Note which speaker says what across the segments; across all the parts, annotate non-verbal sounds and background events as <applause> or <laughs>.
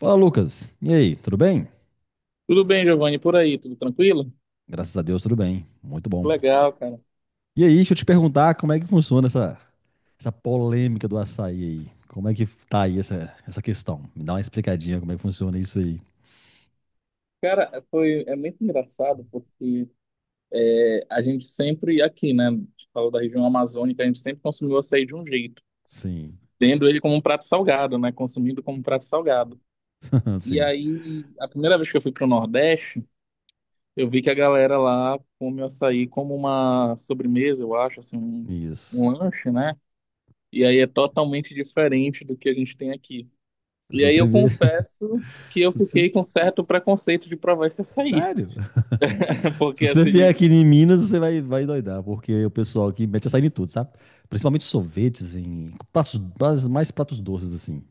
Speaker 1: Fala, Lucas. E aí, tudo bem?
Speaker 2: Tudo bem, Giovanni, por aí, tudo tranquilo?
Speaker 1: Graças a Deus, tudo bem. Muito bom.
Speaker 2: Legal, cara.
Speaker 1: E aí, deixa eu te perguntar como é que funciona essa polêmica do açaí aí. Como é que tá aí essa questão? Me dá uma explicadinha como é que funciona isso aí.
Speaker 2: Cara, foi, muito engraçado porque a gente sempre, aqui, né, a gente falou da região amazônica, a gente sempre consumiu açaí de um jeito,
Speaker 1: Sim.
Speaker 2: tendo ele como um prato salgado, né, consumindo como um prato salgado.
Speaker 1: <laughs>
Speaker 2: E
Speaker 1: Sim,
Speaker 2: aí, a primeira vez que eu fui pro Nordeste, eu vi que a galera lá come o açaí como uma sobremesa, eu acho, assim,
Speaker 1: isso.
Speaker 2: um lanche, né? E aí é totalmente diferente do que a gente tem aqui.
Speaker 1: Se
Speaker 2: E aí
Speaker 1: você
Speaker 2: eu
Speaker 1: ver. <laughs>
Speaker 2: confesso que eu
Speaker 1: se você-
Speaker 2: fiquei com certo preconceito de provar esse açaí.
Speaker 1: Sério?
Speaker 2: <laughs>
Speaker 1: <laughs> Se
Speaker 2: Porque
Speaker 1: você
Speaker 2: assim,
Speaker 1: vier
Speaker 2: de,
Speaker 1: aqui em Minas, você vai doidar, porque o pessoal aqui mete açaí em tudo, sabe? Principalmente sorvetes, em pratos, mais pratos doces, assim.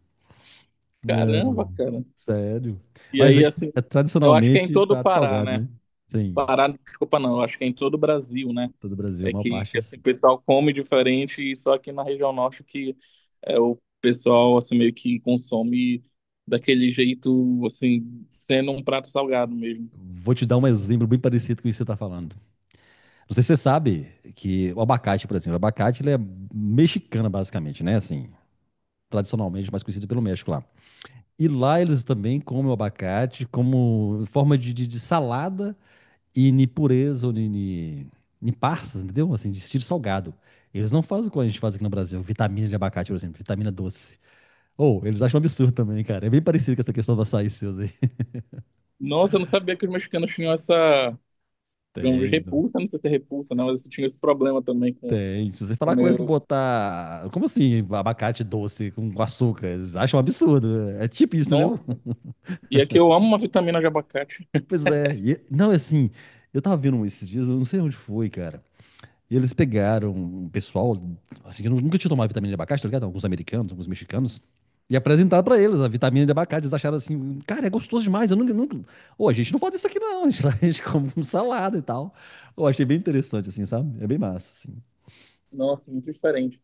Speaker 1: É.
Speaker 2: caramba, cara.
Speaker 1: Sério.
Speaker 2: E
Speaker 1: Mas
Speaker 2: aí,
Speaker 1: aí
Speaker 2: assim,
Speaker 1: é
Speaker 2: eu acho que é em
Speaker 1: tradicionalmente
Speaker 2: todo o
Speaker 1: prato
Speaker 2: Pará,
Speaker 1: salgado,
Speaker 2: né?
Speaker 1: né? Sim,
Speaker 2: Pará, desculpa, não, eu acho que é em todo o Brasil, né?
Speaker 1: todo o Brasil, a
Speaker 2: É
Speaker 1: maior parte é
Speaker 2: assim, o
Speaker 1: assim.
Speaker 2: pessoal come diferente e só aqui na região norte que o pessoal, assim, meio que consome daquele jeito, assim, sendo um prato salgado mesmo.
Speaker 1: Vou te dar um exemplo bem parecido com isso que você está falando. Não sei se você sabe que o abacate, por exemplo, o abacate ele é mexicano, basicamente, né? Assim, tradicionalmente mais conhecido pelo México lá. E lá eles também comem o abacate como forma de salada e de pureza ou de passas, entendeu? Assim, de estilo salgado. Eles não fazem como a gente faz aqui no Brasil, vitamina de abacate, por exemplo, vitamina doce. Ou, eles acham um absurdo também, cara. É bem parecido com essa questão do açaí seus aí.
Speaker 2: Nossa, eu não sabia que os mexicanos tinham essa, digamos,
Speaker 1: Tendo.
Speaker 2: repulsa, não sei se é repulsa, né? Mas eles tinham esse problema também
Speaker 1: Tem. Se você
Speaker 2: com
Speaker 1: falar coisa que
Speaker 2: meu,
Speaker 1: botar. Como assim? Abacate doce com açúcar? Eles acham um absurdo. É tipo isso, entendeu?
Speaker 2: Nossa,
Speaker 1: <laughs>
Speaker 2: e é que eu amo uma vitamina de abacate.
Speaker 1: Pois é. Não, é assim. Eu tava vendo um esses dias, eu não sei onde foi, cara. E eles pegaram um pessoal, assim, que nunca tinha tomado vitamina de abacate, tá ligado? Alguns americanos, alguns mexicanos. E apresentaram pra eles a vitamina de abacate. Eles acharam assim, cara, é gostoso demais. Eu nunca, nunca. Ô, a gente não faz isso aqui não. A gente, <laughs> a gente come com salada e tal. Eu achei bem interessante, assim, sabe? É bem massa, assim.
Speaker 2: Nossa, muito diferente.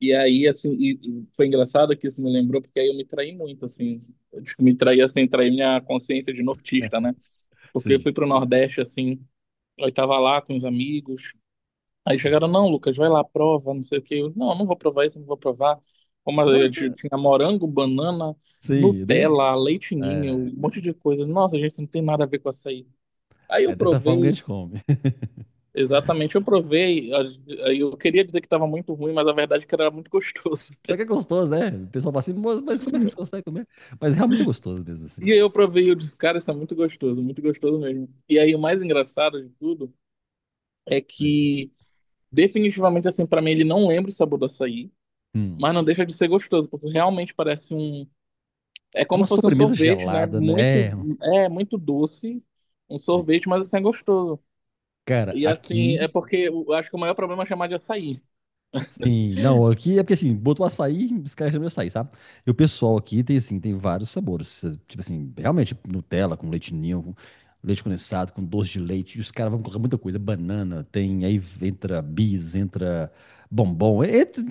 Speaker 2: E aí, assim, e foi engraçado que isso me lembrou, porque aí eu me traí muito, assim. Eu acho que me traí, assim, traí minha consciência de nortista, né? Porque eu fui
Speaker 1: Sim.
Speaker 2: pro Nordeste, assim, eu tava lá com os amigos. Aí chegaram, não, Lucas, vai lá, prova, não sei o quê. Eu, não, não vou provar isso, não vou provar. Como
Speaker 1: Não,
Speaker 2: eu
Speaker 1: mas
Speaker 2: ti-
Speaker 1: é.
Speaker 2: tinha morango, banana,
Speaker 1: Sim, é,
Speaker 2: Nutella, leite ninho,
Speaker 1: é
Speaker 2: um monte de coisa. Nossa, gente, isso não tem nada a ver com açaí. Aí eu
Speaker 1: é dessa forma que a
Speaker 2: provei,
Speaker 1: gente come.
Speaker 2: exatamente, eu provei, eu queria dizer que estava muito ruim, mas a verdade é que era muito gostoso.
Speaker 1: <laughs> Já
Speaker 2: <laughs>
Speaker 1: que é gostoso, é. O pessoal fala assim, mas como é que vocês conseguem comer? Mas realmente é gostoso mesmo, assim.
Speaker 2: E aí eu provei e eu disse, cara, isso é muito gostoso mesmo. E aí o mais engraçado de tudo é
Speaker 1: Sim.
Speaker 2: que definitivamente assim, para mim ele não lembra o sabor do açaí,
Speaker 1: Hum.
Speaker 2: mas não deixa de ser gostoso, porque realmente parece um, é
Speaker 1: É
Speaker 2: como
Speaker 1: uma
Speaker 2: se fosse um
Speaker 1: sobremesa
Speaker 2: sorvete, né?
Speaker 1: gelada, né?
Speaker 2: Muito,
Speaker 1: É.
Speaker 2: é muito doce, um
Speaker 1: Sim.
Speaker 2: sorvete, mas assim é gostoso.
Speaker 1: Cara,
Speaker 2: E assim,
Speaker 1: aqui.
Speaker 2: é porque eu acho que o maior problema é chamar de açaí.
Speaker 1: Sim, não, aqui é porque assim, botou açaí, os caras chamam de açaí, sabe? E o pessoal aqui tem assim, tem vários sabores. Tipo assim, realmente, Nutella com leite ninho, com leite condensado, com doce de leite, e os caras vão colocar muita coisa, banana, tem, aí entra bis, entra bombom, entra,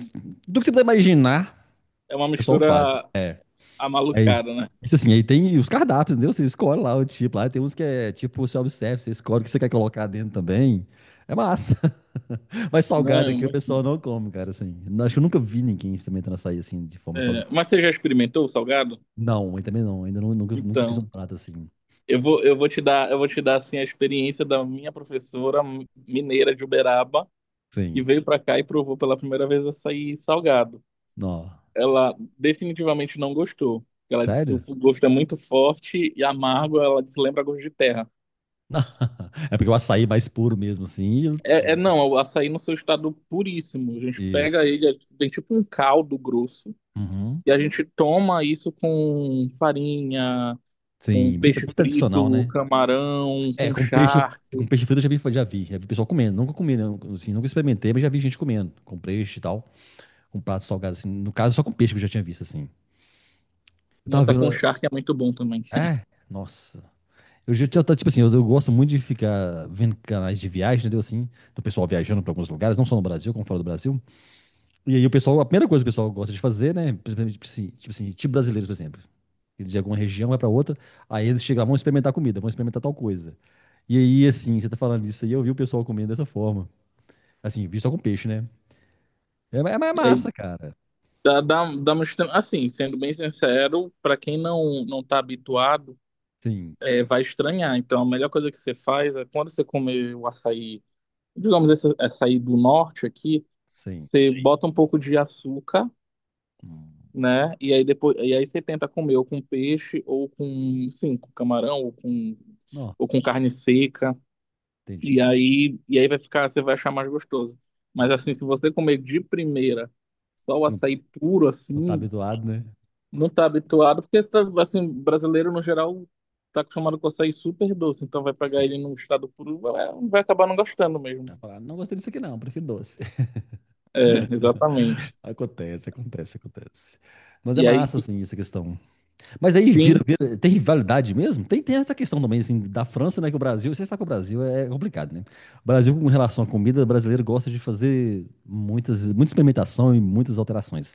Speaker 1: tudo que você puder imaginar,
Speaker 2: É uma
Speaker 1: o pessoal faz.
Speaker 2: mistura
Speaker 1: Aí,
Speaker 2: amalucada, né?
Speaker 1: isso assim, aí tem os cardápios, entendeu? Você escolhe lá o tipo, lá tem uns que é tipo self-service, você escolhe o que você quer colocar dentro também. É massa. Mas salgado
Speaker 2: Não,
Speaker 1: aqui o pessoal não come, cara, assim. Acho que eu nunca vi ninguém experimentando açaí assim, de forma
Speaker 2: é,
Speaker 1: salgada.
Speaker 2: mas você já experimentou o salgado?
Speaker 1: Não, eu também não. Ainda nunca fiz um
Speaker 2: Então,
Speaker 1: prato assim.
Speaker 2: eu vou te dar, eu vou te dar assim a experiência da minha professora mineira de Uberaba, que
Speaker 1: Sim.
Speaker 2: veio para cá e provou pela primeira vez açaí salgado.
Speaker 1: Não.
Speaker 2: Ela definitivamente não gostou. Ela disse que o
Speaker 1: Sério? <laughs>
Speaker 2: gosto é muito forte e amargo, ela disse lembra gosto de terra.
Speaker 1: Não. É porque o açaí é mais puro mesmo, assim.
Speaker 2: É, não, é o açaí no seu estado puríssimo. A gente pega
Speaker 1: Isso.
Speaker 2: ele, tem tipo um caldo grosso,
Speaker 1: Uhum.
Speaker 2: e a gente toma isso com farinha, com
Speaker 1: Sim,
Speaker 2: peixe
Speaker 1: bem tradicional,
Speaker 2: frito,
Speaker 1: né?
Speaker 2: camarão,
Speaker 1: É,
Speaker 2: com
Speaker 1: com peixe,
Speaker 2: charque.
Speaker 1: frito eu já vi pessoal comendo. Nunca comi, não, assim, nunca experimentei, mas já vi gente comendo, com peixe e tal, com prato salgado, assim. No caso, só com peixe que eu já tinha visto, assim. Eu tava
Speaker 2: Nossa, com
Speaker 1: vendo.
Speaker 2: charque é muito bom também.
Speaker 1: É,
Speaker 2: <laughs>
Speaker 1: nossa. Eu já tá, tipo assim, eu gosto muito de ficar vendo canais de viagem, entendeu? Assim, do pessoal viajando para alguns lugares, não só no Brasil, como fora do Brasil. E aí o pessoal, a primeira coisa que o pessoal gosta de fazer, né? Principalmente, tipo brasileiros, por exemplo. Eles de alguma região vai para outra, aí eles chegam lá, vão experimentar comida, vão experimentar tal coisa. E aí, assim, você tá falando disso aí, eu vi o pessoal comendo dessa forma. Assim, vi só com peixe, né? É, é
Speaker 2: E aí
Speaker 1: massa, cara.
Speaker 2: dá uma assim, sendo bem sincero, para quem não tá habituado,
Speaker 1: Sim,
Speaker 2: é, vai estranhar. Então, a melhor coisa que você faz é quando você comer o açaí, digamos esse açaí do norte aqui,
Speaker 1: sim.
Speaker 2: você Sim. bota um pouco de açúcar,
Speaker 1: Hum.
Speaker 2: né? E aí você tenta comer ou com peixe ou com, sim, com camarão
Speaker 1: Não,
Speaker 2: ou com carne seca.
Speaker 1: entendi.
Speaker 2: E aí vai ficar, você vai achar mais gostoso. Mas
Speaker 1: Nossa,
Speaker 2: assim, se você comer de primeira só o
Speaker 1: não,
Speaker 2: açaí puro,
Speaker 1: não tá
Speaker 2: assim,
Speaker 1: habituado, né?
Speaker 2: não tá habituado, porque tá, assim, brasileiro no geral tá acostumado com açaí super doce, então vai pegar
Speaker 1: Sim.
Speaker 2: ele num estado puro, vai acabar não gostando mesmo.
Speaker 1: Vai falar: "Ah, não gostei disso aqui não, prefiro doce."
Speaker 2: É, exatamente.
Speaker 1: Acontece, acontece, acontece. Mas é
Speaker 2: E aí,
Speaker 1: massa, assim, essa questão. Mas aí
Speaker 2: sim,
Speaker 1: tem rivalidade mesmo? Tem essa questão também, assim, da França, né? Que o Brasil, você está com o Brasil, é complicado, né? O Brasil, com relação à comida, o brasileiro gosta de fazer muita experimentação e muitas alterações.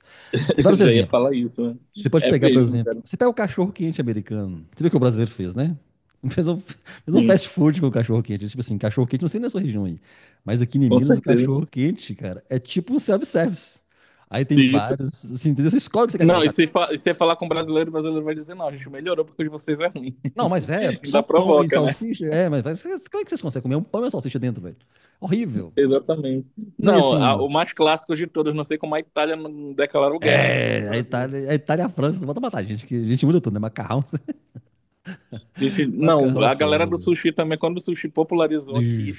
Speaker 1: Tem
Speaker 2: <laughs>
Speaker 1: vários
Speaker 2: já ia falar
Speaker 1: exemplos.
Speaker 2: isso, né?
Speaker 1: Você pode
Speaker 2: É
Speaker 1: pegar, por
Speaker 2: mesmo,
Speaker 1: exemplo,
Speaker 2: cara.
Speaker 1: você pega o cachorro quente americano. Você vê o que o brasileiro fez, né? <laughs> Fez um
Speaker 2: Sim,
Speaker 1: fast food com o cachorro quente. Tipo assim, cachorro quente, não sei na sua região aí. Mas aqui em
Speaker 2: com
Speaker 1: Minas, o
Speaker 2: certeza.
Speaker 1: cachorro quente, cara, é tipo um self-service. Aí tem
Speaker 2: Isso.
Speaker 1: vários, assim, entendeu? Você escolhe o que você quer
Speaker 2: Não, e
Speaker 1: colocar.
Speaker 2: se, fa- e se falar com brasileiro, o brasileiro vai dizer, não, a gente melhorou porque o de vocês é ruim.
Speaker 1: Não, mas é
Speaker 2: <laughs>
Speaker 1: só
Speaker 2: Ainda
Speaker 1: pão e
Speaker 2: provoca, né?
Speaker 1: salsicha. É, como é que vocês conseguem comer um pão e uma salsicha dentro, velho? Horrível.
Speaker 2: Exatamente.
Speaker 1: Não, e
Speaker 2: Não,
Speaker 1: assim,
Speaker 2: o mais clássico de todos, não sei como a Itália não declarou guerra ainda contra o
Speaker 1: é,
Speaker 2: Brasil.
Speaker 1: A Itália e a França, não bota matar a gente, que a gente muda tudo, né? Macarrão, <laughs>
Speaker 2: Gente, não,
Speaker 1: macarrão é
Speaker 2: a galera
Speaker 1: foda,
Speaker 2: do
Speaker 1: velho.
Speaker 2: sushi também, quando o sushi popularizou aqui,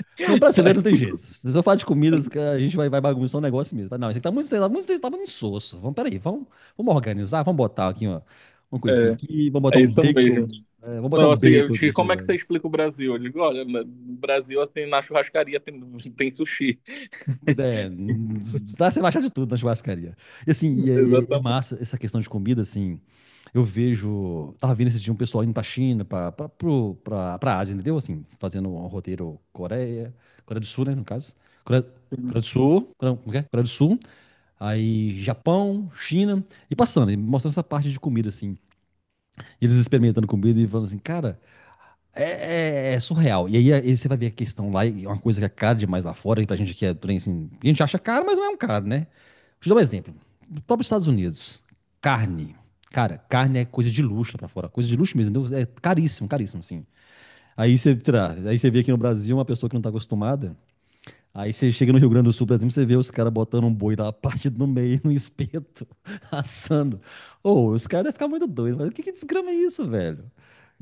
Speaker 2: <laughs>
Speaker 1: No
Speaker 2: aí
Speaker 1: brasileiro não tem jeito. Se eu falar de comidas, que
Speaker 2: fica-
Speaker 1: a gente vai bagunçar um negócio mesmo. Mas não, isso aqui tá muito, insosso. Vamos, peraí, vamos organizar, vamos botar aqui uma coisinha
Speaker 2: é,
Speaker 1: aqui,
Speaker 2: é isso mesmo.
Speaker 1: vamos botar
Speaker 2: Não,
Speaker 1: um
Speaker 2: assim, eu
Speaker 1: bacon
Speaker 2: digo,
Speaker 1: nesse
Speaker 2: como é que você
Speaker 1: negócio.
Speaker 2: explica o Brasil? Eu digo, olha, no Brasil, assim, tem sushi. <laughs>
Speaker 1: É, dá, você vai achar de tudo na churrascaria. E assim, é
Speaker 2: Exatamente.
Speaker 1: massa essa questão de comida, assim, eu vejo, tava vendo esse dia um pessoal indo pra China, pra Ásia, entendeu? Assim, fazendo um roteiro Coreia, Coreia do Sul, né, no caso. Coreia, Coreia do Sul, Coreia, como é que é? Coreia do Sul, aí Japão, China, e passando, e mostrando essa parte de comida, assim. E eles experimentando comida e falando assim, cara, é surreal. E aí você vai ver a questão lá, e é uma coisa que é cara demais lá fora, e pra gente aqui é trem, assim, a gente acha caro, mas não é um caro, né? Deixa eu dar um exemplo. Os próprios Estados Unidos, carne. Cara, carne é coisa de luxo lá pra fora, coisa de luxo mesmo, entendeu? É caríssimo, caríssimo, assim. Aí você, sei lá, aí você vê aqui no Brasil uma pessoa que não tá acostumada. Aí você chega no Rio Grande do Sul, por exemplo, você vê os caras botando um boi lá partido no <laughs> meio, no espeto, <laughs> assando. Ô, os caras devem ficar muito doidos. Mas o que que desgrama é isso, velho?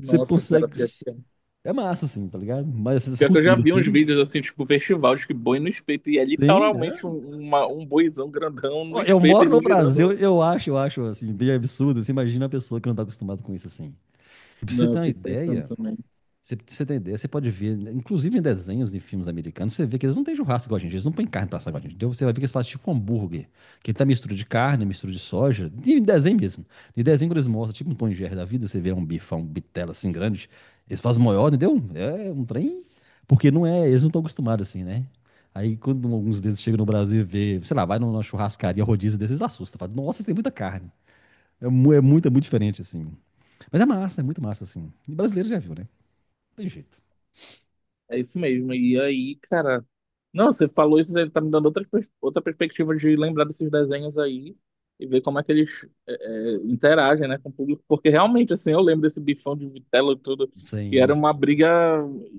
Speaker 1: Você
Speaker 2: cara,
Speaker 1: consegue.
Speaker 2: pior que, é.
Speaker 1: É massa, assim, tá ligado? Mas essa
Speaker 2: Pior que eu já
Speaker 1: cultura,
Speaker 2: vi uns
Speaker 1: assim.
Speaker 2: vídeos, assim, tipo, festival de que boi no espeto, e é
Speaker 1: Sim,
Speaker 2: literalmente
Speaker 1: é.
Speaker 2: um boizão grandão no
Speaker 1: Ó, eu
Speaker 2: espeto,
Speaker 1: moro
Speaker 2: ele
Speaker 1: no
Speaker 2: girando
Speaker 1: Brasil,
Speaker 2: lá.
Speaker 1: eu acho, assim, bem absurdo. Você imagina uma pessoa que não tá acostumada com isso, assim. Pra você
Speaker 2: Não,
Speaker 1: ter
Speaker 2: eu
Speaker 1: uma
Speaker 2: fico pensando
Speaker 1: ideia.
Speaker 2: também.
Speaker 1: Você tem ideia, você pode ver, inclusive em desenhos de filmes americanos, você vê que eles não têm churrasco igual a gente, eles não põem carne pra assar igual a gente, entendeu? Você vai ver que eles fazem tipo um hambúrguer, que ele tá mistura de carne, mistura de soja, de desenho mesmo. De desenho que eles mostram, tipo um Tom e Jerry da vida, você vê um bifão, um bitelo assim grande, eles fazem maior, entendeu? É um trem, porque não é, eles não estão acostumados assim, né? Aí quando alguns deles chegam no Brasil e vê, sei lá, vai numa churrascaria rodízio desses, eles assustam, fala, nossa, isso tem muita carne. É, é muito diferente assim. Mas é massa, é muito massa assim. E brasileiro já viu, né? Não tem jeito.
Speaker 2: É isso mesmo. E aí, cara. Não, você falou isso, ele tá me dando outra perspectiva de lembrar desses desenhos aí e ver como é que eles interagem, né, com o público. Porque realmente, assim, eu lembro desse bifão de vitela e tudo, e era
Speaker 1: Sim.
Speaker 2: uma briga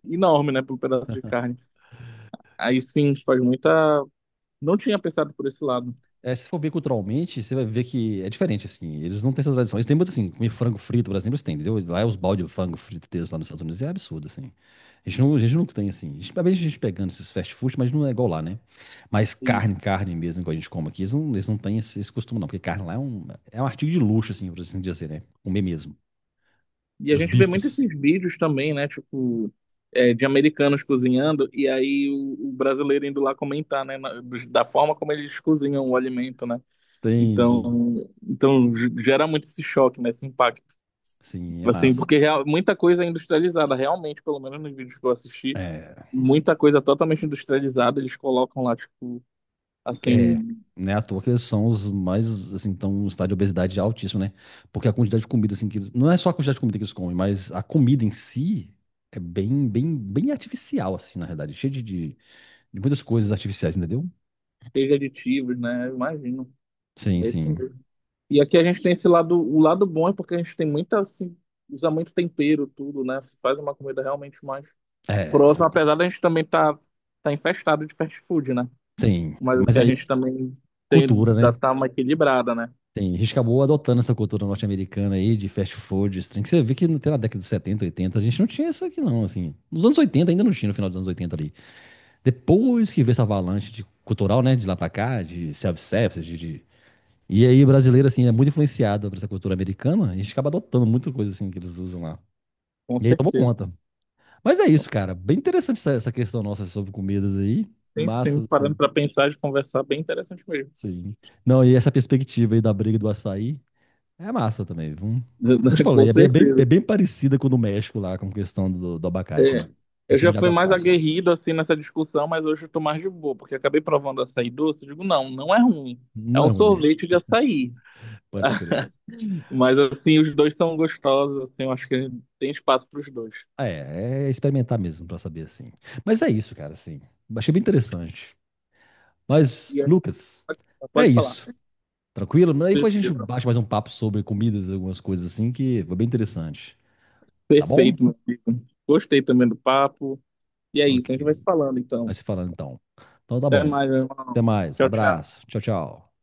Speaker 2: enorme, né, por um pedaço de carne. Aí sim, faz muita. Não tinha pensado por esse lado.
Speaker 1: É, se for ver culturalmente, você vai ver que é diferente, assim. Eles não têm essa tradição. Eles têm muito, assim, comer frango frito, por exemplo, eles têm, entendeu? Lá é os balde de frango frito deles lá nos Estados Unidos, é absurdo, assim. A gente, não, a gente nunca tem, assim. A gente, talvez a gente pegando esses fast food, mas não é igual lá, né? Mas carne, carne mesmo, que a gente come aqui, eles não têm esse costume, não. Porque carne lá é um, artigo de luxo, assim, por assim dizer, né? Comer mesmo.
Speaker 2: E a
Speaker 1: Dos
Speaker 2: gente vê muito
Speaker 1: bifes.
Speaker 2: esses vídeos também, né? Tipo, é, de americanos cozinhando, e aí o brasileiro indo lá comentar, né? Da forma como eles cozinham o alimento, né?
Speaker 1: Tem, sim.
Speaker 2: Então, gera muito esse choque, né? Esse impacto.
Speaker 1: Sim, é
Speaker 2: Assim,
Speaker 1: massa.
Speaker 2: porque muita coisa é industrializada, realmente, pelo menos nos vídeos que eu assisti,
Speaker 1: É,
Speaker 2: muita coisa totalmente industrializada, eles colocam lá, tipo,
Speaker 1: É,
Speaker 2: assim,
Speaker 1: né, à toa que eles são os mais, assim, estão em um estado de obesidade altíssimo, né? Porque a quantidade de comida, assim, que não é só a quantidade de comida que eles comem, mas a comida em si é bem, bem, bem artificial, assim, na realidade, cheia de muitas coisas artificiais, entendeu?
Speaker 2: cheio de aditivos, né? Eu imagino.
Speaker 1: Sim,
Speaker 2: É isso
Speaker 1: sim.
Speaker 2: mesmo. E aqui a gente tem esse lado, o lado bom é porque a gente tem muita, assim, usa muito tempero, tudo, né? Se faz uma comida realmente mais
Speaker 1: É,
Speaker 2: próxima, apesar da gente também tá, tá infestado de fast food, né?
Speaker 1: sim.
Speaker 2: Mas
Speaker 1: Mas
Speaker 2: assim, a gente
Speaker 1: aí,
Speaker 2: também tem,
Speaker 1: cultura,
Speaker 2: dá,
Speaker 1: né?
Speaker 2: tá uma equilibrada, né?
Speaker 1: Tem, a gente acabou adotando essa cultura norte-americana aí de fast food, esse trem, que você vê que até na década de 70 80 a gente não tinha isso aqui não, assim. Nos anos 80 ainda não tinha, no final dos anos 80 ali. Depois que veio essa avalanche de cultural, né? De lá pra cá, de self-service, E aí, brasileiro, assim, é muito influenciado por essa cultura americana, e a gente acaba adotando muita coisa, assim, que eles usam lá.
Speaker 2: Com
Speaker 1: E aí tomou
Speaker 2: certeza.
Speaker 1: conta. Mas é isso, cara. Bem interessante essa questão nossa sobre comidas aí.
Speaker 2: Tem sim,
Speaker 1: Massa,
Speaker 2: parando
Speaker 1: assim,
Speaker 2: pra pensar e conversar, bem interessante mesmo.
Speaker 1: sim. Não, e essa perspectiva aí da briga do açaí é massa também, viu? Eu te
Speaker 2: <laughs> Com
Speaker 1: falei, é
Speaker 2: certeza.
Speaker 1: bem parecida com o do México lá, com a questão do abacate, né?
Speaker 2: É. Eu
Speaker 1: Eles chamam
Speaker 2: já
Speaker 1: de
Speaker 2: fui mais
Speaker 1: aguacate, né?
Speaker 2: aguerrido, assim, nessa discussão, mas hoje eu tô mais de boa, porque acabei provando açaí doce, eu digo, não, não é ruim. É
Speaker 1: Não é
Speaker 2: um
Speaker 1: ruim,
Speaker 2: sorvete de açaí.
Speaker 1: <laughs> pode crer.
Speaker 2: Mas assim, os dois são gostosos, assim, eu acho que tem espaço para os dois.
Speaker 1: É, é experimentar mesmo pra saber assim. Mas é isso, cara, assim. Achei bem interessante. Mas,
Speaker 2: E aí,
Speaker 1: Lucas,
Speaker 2: pode,
Speaker 1: é
Speaker 2: pode falar.
Speaker 1: isso. Tranquilo? Aí depois a gente
Speaker 2: Beleza.
Speaker 1: bate mais um papo sobre comidas, algumas coisas assim, que foi bem interessante. Tá bom?
Speaker 2: Perfeito, meu amigo. Gostei também do papo. E é
Speaker 1: Ok.
Speaker 2: isso, a gente vai se falando
Speaker 1: Vai
Speaker 2: então.
Speaker 1: se falando então. Então tá
Speaker 2: Até
Speaker 1: bom.
Speaker 2: mais, meu
Speaker 1: Até
Speaker 2: irmão.
Speaker 1: mais.
Speaker 2: Tchau, tchau. Falou.
Speaker 1: Abraço. Tchau, tchau.